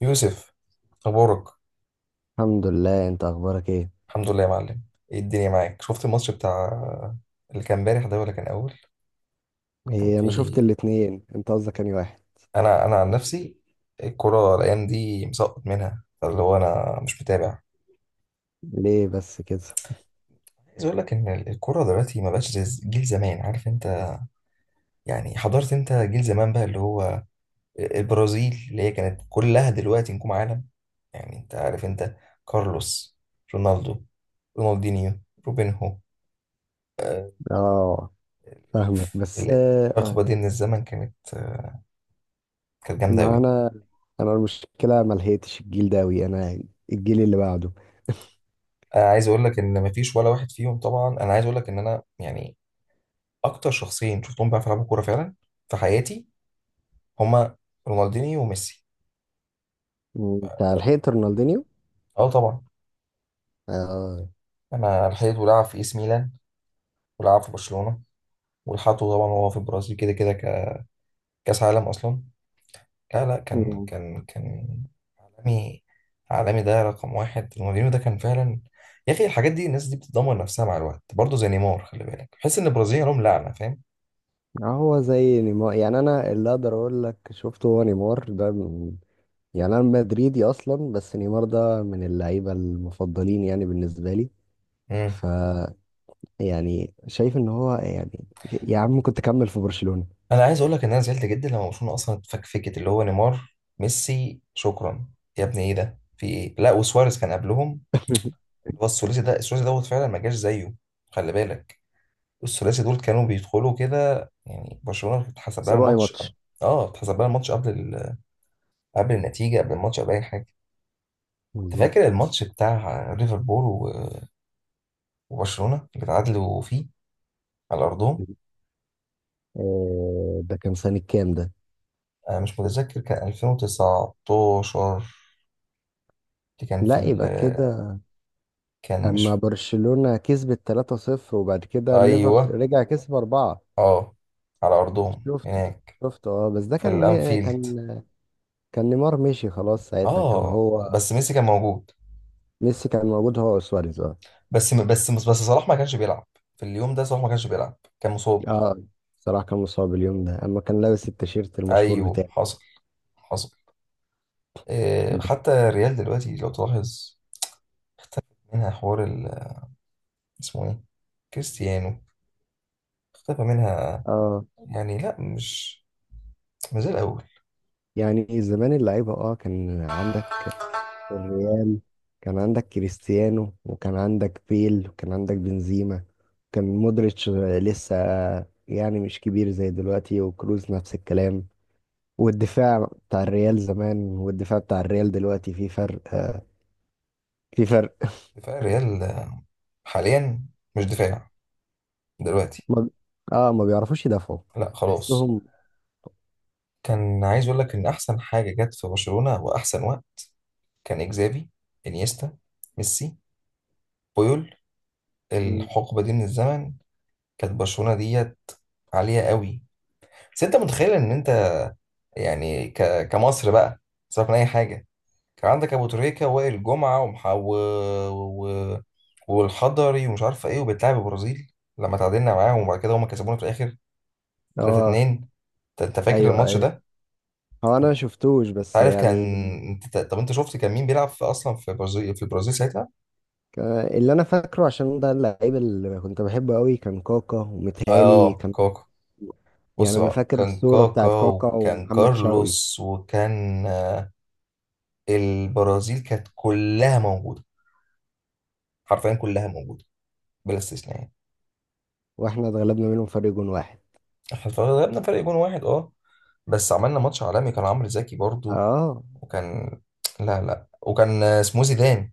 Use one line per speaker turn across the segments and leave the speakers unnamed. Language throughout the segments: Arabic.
يوسف، اخبارك؟
الحمد لله، انت اخبارك ايه؟
الحمد لله يا معلم. ايه الدنيا معاك؟ شفت الماتش بتاع اللي كان امبارح ده ولا كان اول؟ كان
ايه، انا شفت
في.
الاتنين، انت قصدك انهي واحد؟
انا عن نفسي، الكرة الايام دي مسقط منها، فاللي هو انا مش متابع.
ليه بس كده؟
عايز اقول لك ان الكرة دلوقتي ما بقاش زي جيل زمان، عارف انت؟ يعني حضرت انت جيل زمان بقى اللي هو، البرازيل اللي هي كانت كلها دلوقتي نجوم عالم. يعني انت عارف انت. كارلوس، رونالدو، رونالدينيو، روبينهو، آه،
اه، فاهمك بس.
ال-
اه،
الحقبه دي من الزمن كانت جامده
ما
قوي.
انا المشكله ما لحقتش الجيل ده اوي، انا الجيل اللي بعده.
انا عايز اقول لك ان مفيش ولا واحد فيهم طبعا، انا عايز اقول لك ان انا يعني اكتر شخصين شفتهم بيعرفوا يلعبوا كوره فعلا في حياتي هما رونالدينيو وميسي.
انت لحقت رونالدينيو؟
اه طبعا.
اه.
انا لحقته لعب في ايس ميلان ولعب في برشلونه، ولحقته طبعا وهو في البرازيل كده كده كاس عالم اصلا. لا لا كان
مم.
كان كان عالمي. عالمي، ده رقم واحد، رونالدينيو ده كان فعلا يا اخي. الحاجات دي، الناس دي بتدمر نفسها مع الوقت برضه زي نيمار، خلي بالك، بحس ان البرازيل لهم لعنه، فاهم؟
هو زي نيمار، يعني انا اللي اقدر اقول لك شفته هو نيمار ده يعني انا مدريدي اصلا، بس نيمار ده من اللعيبه المفضلين يعني بالنسبه لي.
مم.
ف يعني شايف ان هو، يعني يا عم كنت كمل في برشلونة.
انا عايز اقول لك ان انا زعلت جدا لما برشلونه اصلا اتفكفكت، اللي هو نيمار ميسي شكرا يا ابني، ايه ده في ايه، لا وسواريز كان قبلهم. هو الثلاثي ده، الثلاثي دوت فعلا ما جاش زيه. خلي بالك، الثلاثي دول كانوا بيدخلوا كده، يعني برشلونه اتحسب لها
سبعة اي
الماتش قبل.
ماتش؟
اه، اتحسب لها الماتش قبل قبل النتيجه، قبل الماتش، قبل اي حاجه. انت
بالظبط.
فاكر الماتش بتاع ليفربول وبرشلونه اللي اتعادلوا فيه على ارضهم؟
آه، ده كان سنة كام ده؟
انا مش متذكر، كان 2019، اللي كان في
لا، يبقى كده.
كان
اما
مش،
برشلونة كسبت 3-0، وبعد كده الليفر
ايوه،
رجع كسب 4.
اه، على ارضهم
شفت؟
هناك،
اه، بس ده
في
كان
الانفيلد.
كان، كان نيمار مشي خلاص ساعتها كان
اه،
هو.
بس ميسي كان موجود.
ميسي كان موجود هو وسواريز، اه.
بس صلاح ما كانش بيلعب في اليوم ده. صلاح ما كانش بيلعب، كان مصاب.
اه، صراحة كان مصاب اليوم ده اما كان لابس التيشيرت المشهور
ايوه،
بتاعه.
حصل، حصل. إيه،
بس.
حتى الريال دلوقتي لو تلاحظ اختفى منها حوار اسمه ايه، كريستيانو، اختفى منها.
اه
يعني لا، مش زي الاول.
يعني زمان اللعيبة كان عندك الريال، كان عندك كريستيانو وكان عندك بيل وكان عندك بنزيما. كان مودريتش لسه يعني مش كبير زي دلوقتي، وكروز نفس الكلام. والدفاع بتاع الريال زمان والدفاع بتاع الريال دلوقتي في فرق، في فرق.
دفاع الريال حاليا مش دفاع دلوقتي.
ما اه ما بيعرفوش يدافعوا.
لا خلاص.
تحسهم.
كان عايز اقول لك ان احسن حاجه جت في برشلونه واحسن وقت كان إجزافي، إنيستا، ميسي، بويول. الحقبة دي من الزمن كانت برشلونة ديت عالية قوي. بس أنت متخيل إن أنت، يعني كمصر بقى، سيبك من أي حاجة، كان عندك أبو تريكة ووائل جمعة و والحضري ومش عارف إيه، وبتلعب البرازيل، لما تعادلنا معاهم وبعد كده هما كسبونا في الآخر
اه.
3-2. أنت فاكر
ايوه،
الماتش
ايوه،
ده؟
هو انا ما
أنت
شفتوش بس
عارف كان،
يعني.
طب أنت شفت كان مين بيلعب في أصلا في البرازيل، في البرازيل ساعتها؟
ك- اللي انا فاكره عشان ده اللعيب اللي كنت بحبه قوي كان كاكا ومتهالي.
آه، كوكا. بص
يعني انا
بقى،
فاكر
كان
الصورة
كاكا
بتاعت كاكا
وكان
ومحمد شوقي.
كارلوس وكان، البرازيل كانت كلها موجودة، حرفيا كلها موجودة، بلا استثناء يعني.
واحنا اتغلبنا منهم فرق جون واحد.
احنا غلبنا فرق جون واحد، اه، بس عملنا ماتش عالمي. كان عمرو زكي برضو،
اه.
وكان، لا لا، وكان، اسمه ايه، زيدان.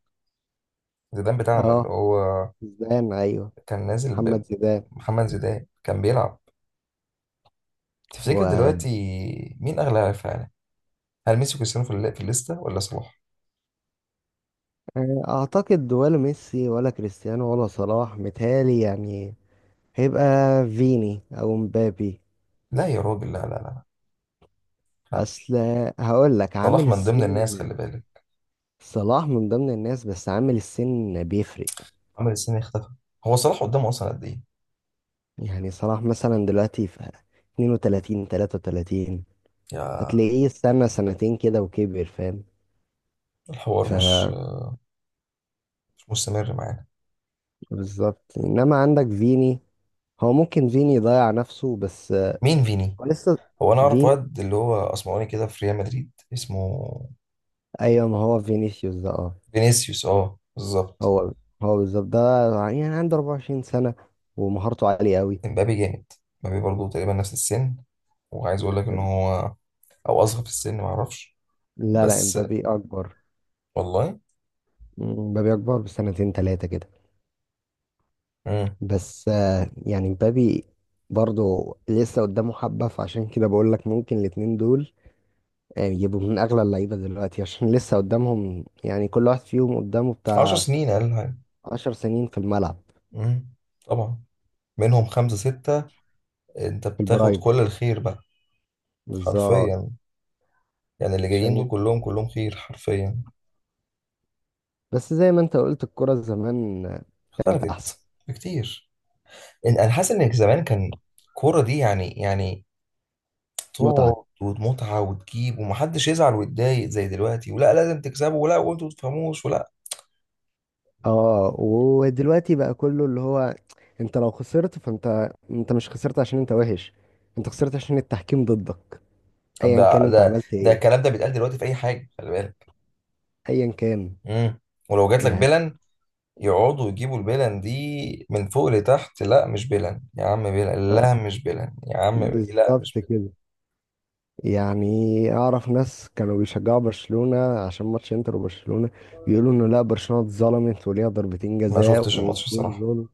زيدان بتاعنا اللي
اه،
هو
زيدان، ايوه.
كان نازل.
محمد زيدان.
بمحمد زيدان كان بيلعب. تفتكر
و
دلوقتي مين اغلى لاعب في العالم؟ هل ميسي وكريستيانو في في الليستة، ولا صلاح؟
اعتقد ولا ميسي ولا كريستيانو ولا صلاح متهيألي. يعني هيبقى فيني او مبابي.
لا يا راجل، لا لا لا، لا.
اصل هقول لك،
صلاح
عامل
من ضمن الناس، خلي
السن.
بالك.
صلاح من ضمن الناس بس عامل السن بيفرق.
عمل السنة اختفى. هو صلاح قدامه أصلا قد إيه؟
يعني صلاح مثلا دلوقتي في 32، 33.
يا،
هتلاقيه استنى سنتين كده وكبر، فاهم؟
الحوار
ف
مش مستمر معانا.
بالظبط، انما عندك فيني. هو ممكن فيني يضيع نفسه بس.
مين فيني؟
هو لسه
هو أنا أعرف
فين.
واد اللي هو أسمراني كده في ريال مدريد، اسمه
ايوه، ما هو فينيسيوس ده، اه.
فينيسيوس، أه بالظبط.
هو هو بالظبط ده. يعني عنده 24 سنة ومهارته عالية قوي.
امبابي جامد. امبابي برضه تقريبا نفس السن، وعايز أقول لك إن هو أو أصغر في السن، معرفش.
لا، لا،
بس
امبابي اكبر.
والله.
امبابي اكبر بسنتين ثلاثة كده.
مم.
بس. يعني امبابي برضه لسه قدامه حبة، فعشان كده بقول لك ممكن الاتنين دول يبقوا من اغلى اللعيبة دلوقتي عشان لسه قدامهم. يعني كل واحد فيهم قدامه
عشر
بتاع
سنين أقل حاجة.
10 سنين في الملعب.
مم. طبعا، منهم خمسة ستة أنت
في
بتاخد
البرايم.
كل الخير بقى،
بالظبط.
حرفيا. يعني اللي جايين
عشان
دول كلهم كلهم خير، حرفيا.
بس زي ما انت قلت الكرة زمان كانت احسن.
اختلفت كتير. انا حاسس ان زمان كان الكوره دي، يعني تقعد
متعة.
ومتعه وتجيب، ومحدش يزعل ويتضايق زي دلوقتي، ولا لازم تكسبوا، ولا وانتوا ما تفهموش، ولا.
اه، ودلوقتي بقى كله اللي هو، انت لو خسرت، فانت مش خسرت عشان انت وحش، انت خسرت عشان التحكيم ضدك.
طب
ايا
ده،
كان انت
ده
عملت
ده
ايه،
الكلام ده بيتقال دلوقتي في اي حاجه، خلي بالك.
ايا كان.
امم. ولو جات لك
يعني
بلن، يقعدوا يجيبوا البلن دي من فوق لتحت. لا مش بلن يا عم، بلن،
آه،
لا مش بلن يا عم، لا
بالظبط
مش بلن.
كده. يعني اعرف ناس كانوا بيشجعوا برشلونة عشان ماتش انتر وبرشلونة، بيقولوا انه لا، برشلونة اتظلمت وليها ضربتين
ما
جزاء
شفتش الماتش الصراحه.
وجول.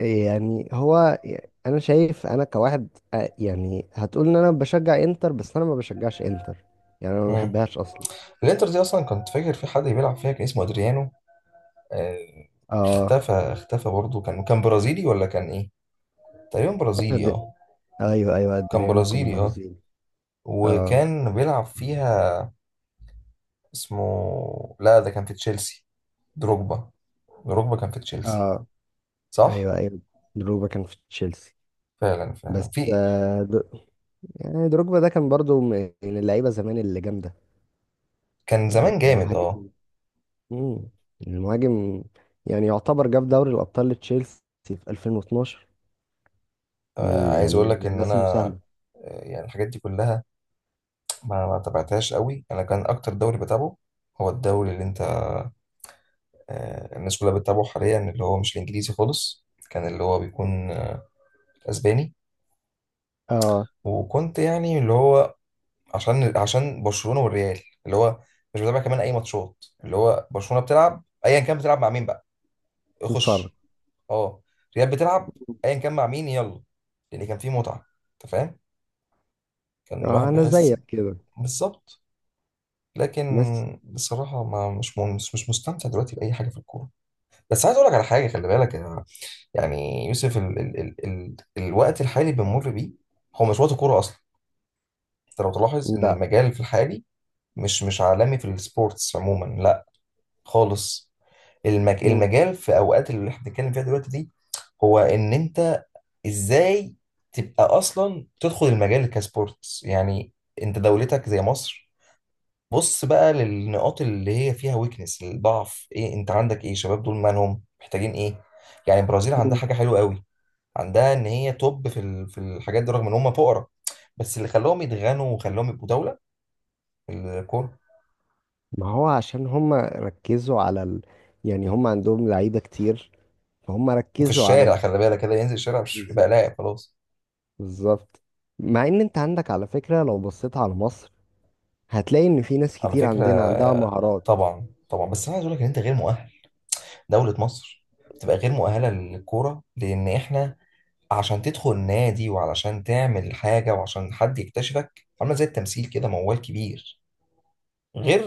يعني هو انا شايف انا كواحد. آه، يعني هتقول ان انا بشجع انتر بس انا ما بشجعش انتر. يعني انا ما
امم.
بحبهاش اصلا.
الانتر دي اصلا كنت فاكر في حد بيلعب فيها كان اسمه ادريانو، آه،
اه.
اختفى برضه، كان برازيلي ولا كان ايه؟ تقريبا برازيلي،
أد-
اه،
ايوه، ايوه،
كان
ادريانو كان
برازيلي، اه،
برازيلي، اه.
وكان بيلعب فيها. اسمه، لا ده كان في تشيلسي، دروجبا. دروجبا كان في تشيلسي،
اه،
صح.
ايوه، ايوه، دروجبا كان في تشيلسي.
فعلا فعلا
بس.
في
يعني دروجبا ده كان برضو من اللعيبه زمان اللي جامده.
كان
يعني
زمان جامد
مهاجم.
اه.
مم. المهاجم. يعني يعتبر جاب دوري الابطال لتشيلسي في 2012.
عايز
يعني
اقول
من
لك ان انا،
الناس المساهمه.
يعني الحاجات دي كلها ما تابعتهاش قوي. انا كان اكتر دوري بتابعه هو الدوري اللي انت، الناس كلها بتتابعه حاليا، اللي هو مش الانجليزي خالص، كان اللي هو بيكون اسباني.
اه.
وكنت يعني اللي هو، عشان برشلونه والريال، اللي هو مش بتابع كمان اي ماتشات. اللي هو برشلونه بتلعب ايا كان، بتلعب مع مين بقى،
تتفرج.
اخش. اه، ريال بتلعب ايا كان مع مين، يلا. لان كان في متعه، انت فاهم، كان
آه،
الواحد
انا
بيحس
زيك كده.
بالظبط. لكن،
بس.
بصراحه ما مش مش مستمتع دلوقتي باي حاجه في الكوره. بس عايز اقول لك على حاجه، خلي بالك يعني يوسف، ال ال ال ال الوقت الحالي اللي بنمر بيه هو مش وقت كوره اصلا. انت لو تلاحظ ان
لا.
المجال في الحالي مش عالمي في السبورتس عموما، لا خالص.
مم.
المجال في اوقات اللي احنا بنتكلم فيها دلوقتي دي، هو ان انت ازاي تبقى اصلا تدخل المجال كسبورتس يعني. انت دولتك زي مصر، بص بقى للنقاط اللي هي فيها، ويكنس الضعف ايه، انت عندك ايه، شباب دول مالهم، محتاجين ايه. يعني البرازيل عندها
مم.
حاجه حلوه قوي، عندها ان هي توب في في الحاجات دي، رغم ان هم فقراء. بس اللي خلاهم يتغنوا وخلاهم يبقوا دوله، الكوره.
ما هو عشان هم ركزوا يعني هم عندهم لعيبة كتير، فهم
وفي
ركزوا
الشارع، خلي بالك، كده ينزل الشارع، مش يبقى
بالظبط،
لاعب خلاص.
بالظبط. مع ان انت عندك على فكرة، لو بصيت على مصر هتلاقي ان في ناس
على
كتير
فكرة،
عندنا عندها مهارات.
طبعا طبعا، بس انا عايز اقول لك ان انت غير مؤهل. دولة مصر بتبقى غير مؤهلة للكورة، لان احنا عشان تدخل نادي وعلشان تعمل حاجة وعشان حد يكتشفك، عاملة زي التمثيل كده موال كبير. غير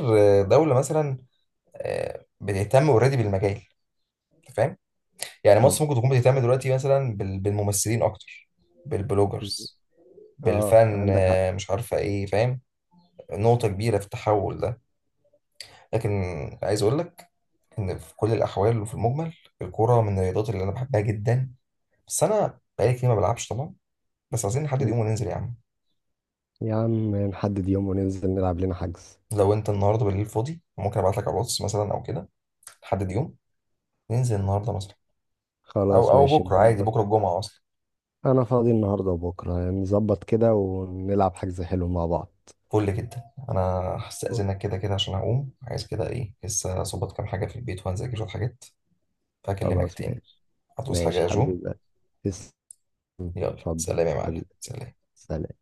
دولة مثلا بتهتم اوريدي بالمجال، أنت فاهم. يعني
طب.
مصر ممكن تكون بتهتم دلوقتي مثلا بالممثلين اكتر، بالبلوجرز،
اه،
بالفن،
عندك حق.
مش عارفة ايه، فاهم؟ نقطة كبيرة في التحول ده. لكن، عايز اقول لك إن في كل الأحوال وفي المجمل، الكورة من الرياضات اللي أنا بحبها جدا. بس أنا بقالي كتير ما بلعبش طبعا. بس عايزين نحدد
مم.
يوم وننزل يا عم.
يا عم نحدد يوم وننزل نلعب لنا حجز.
لو أنت النهاردة بالليل فاضي، ممكن أبعت لك على الواتس مثلا أو كده. نحدد يوم، ننزل النهاردة مثلا، أو
خلاص،
أو
ماشي،
بكرة عادي،
نظبط.
بكرة الجمعة أصلا.
انا فاضي النهارده وبكره، نظبط كده ونلعب حجز حلو مع بعض.
فل جدا. أنا هستأذنك كده كده، عشان هقوم، عايز كده إيه، لسه أظبط كام حاجة في البيت وهنذاكر شوية حاجات، فهكلمك
خلاص
تاني.
ماشي.
هتوصي حاجة
ماشي
يا جو؟
حبيبي، تسلم.
يلا،
اتفضل
سلام يا معلم،
حبيبي،
سلام.
سلام.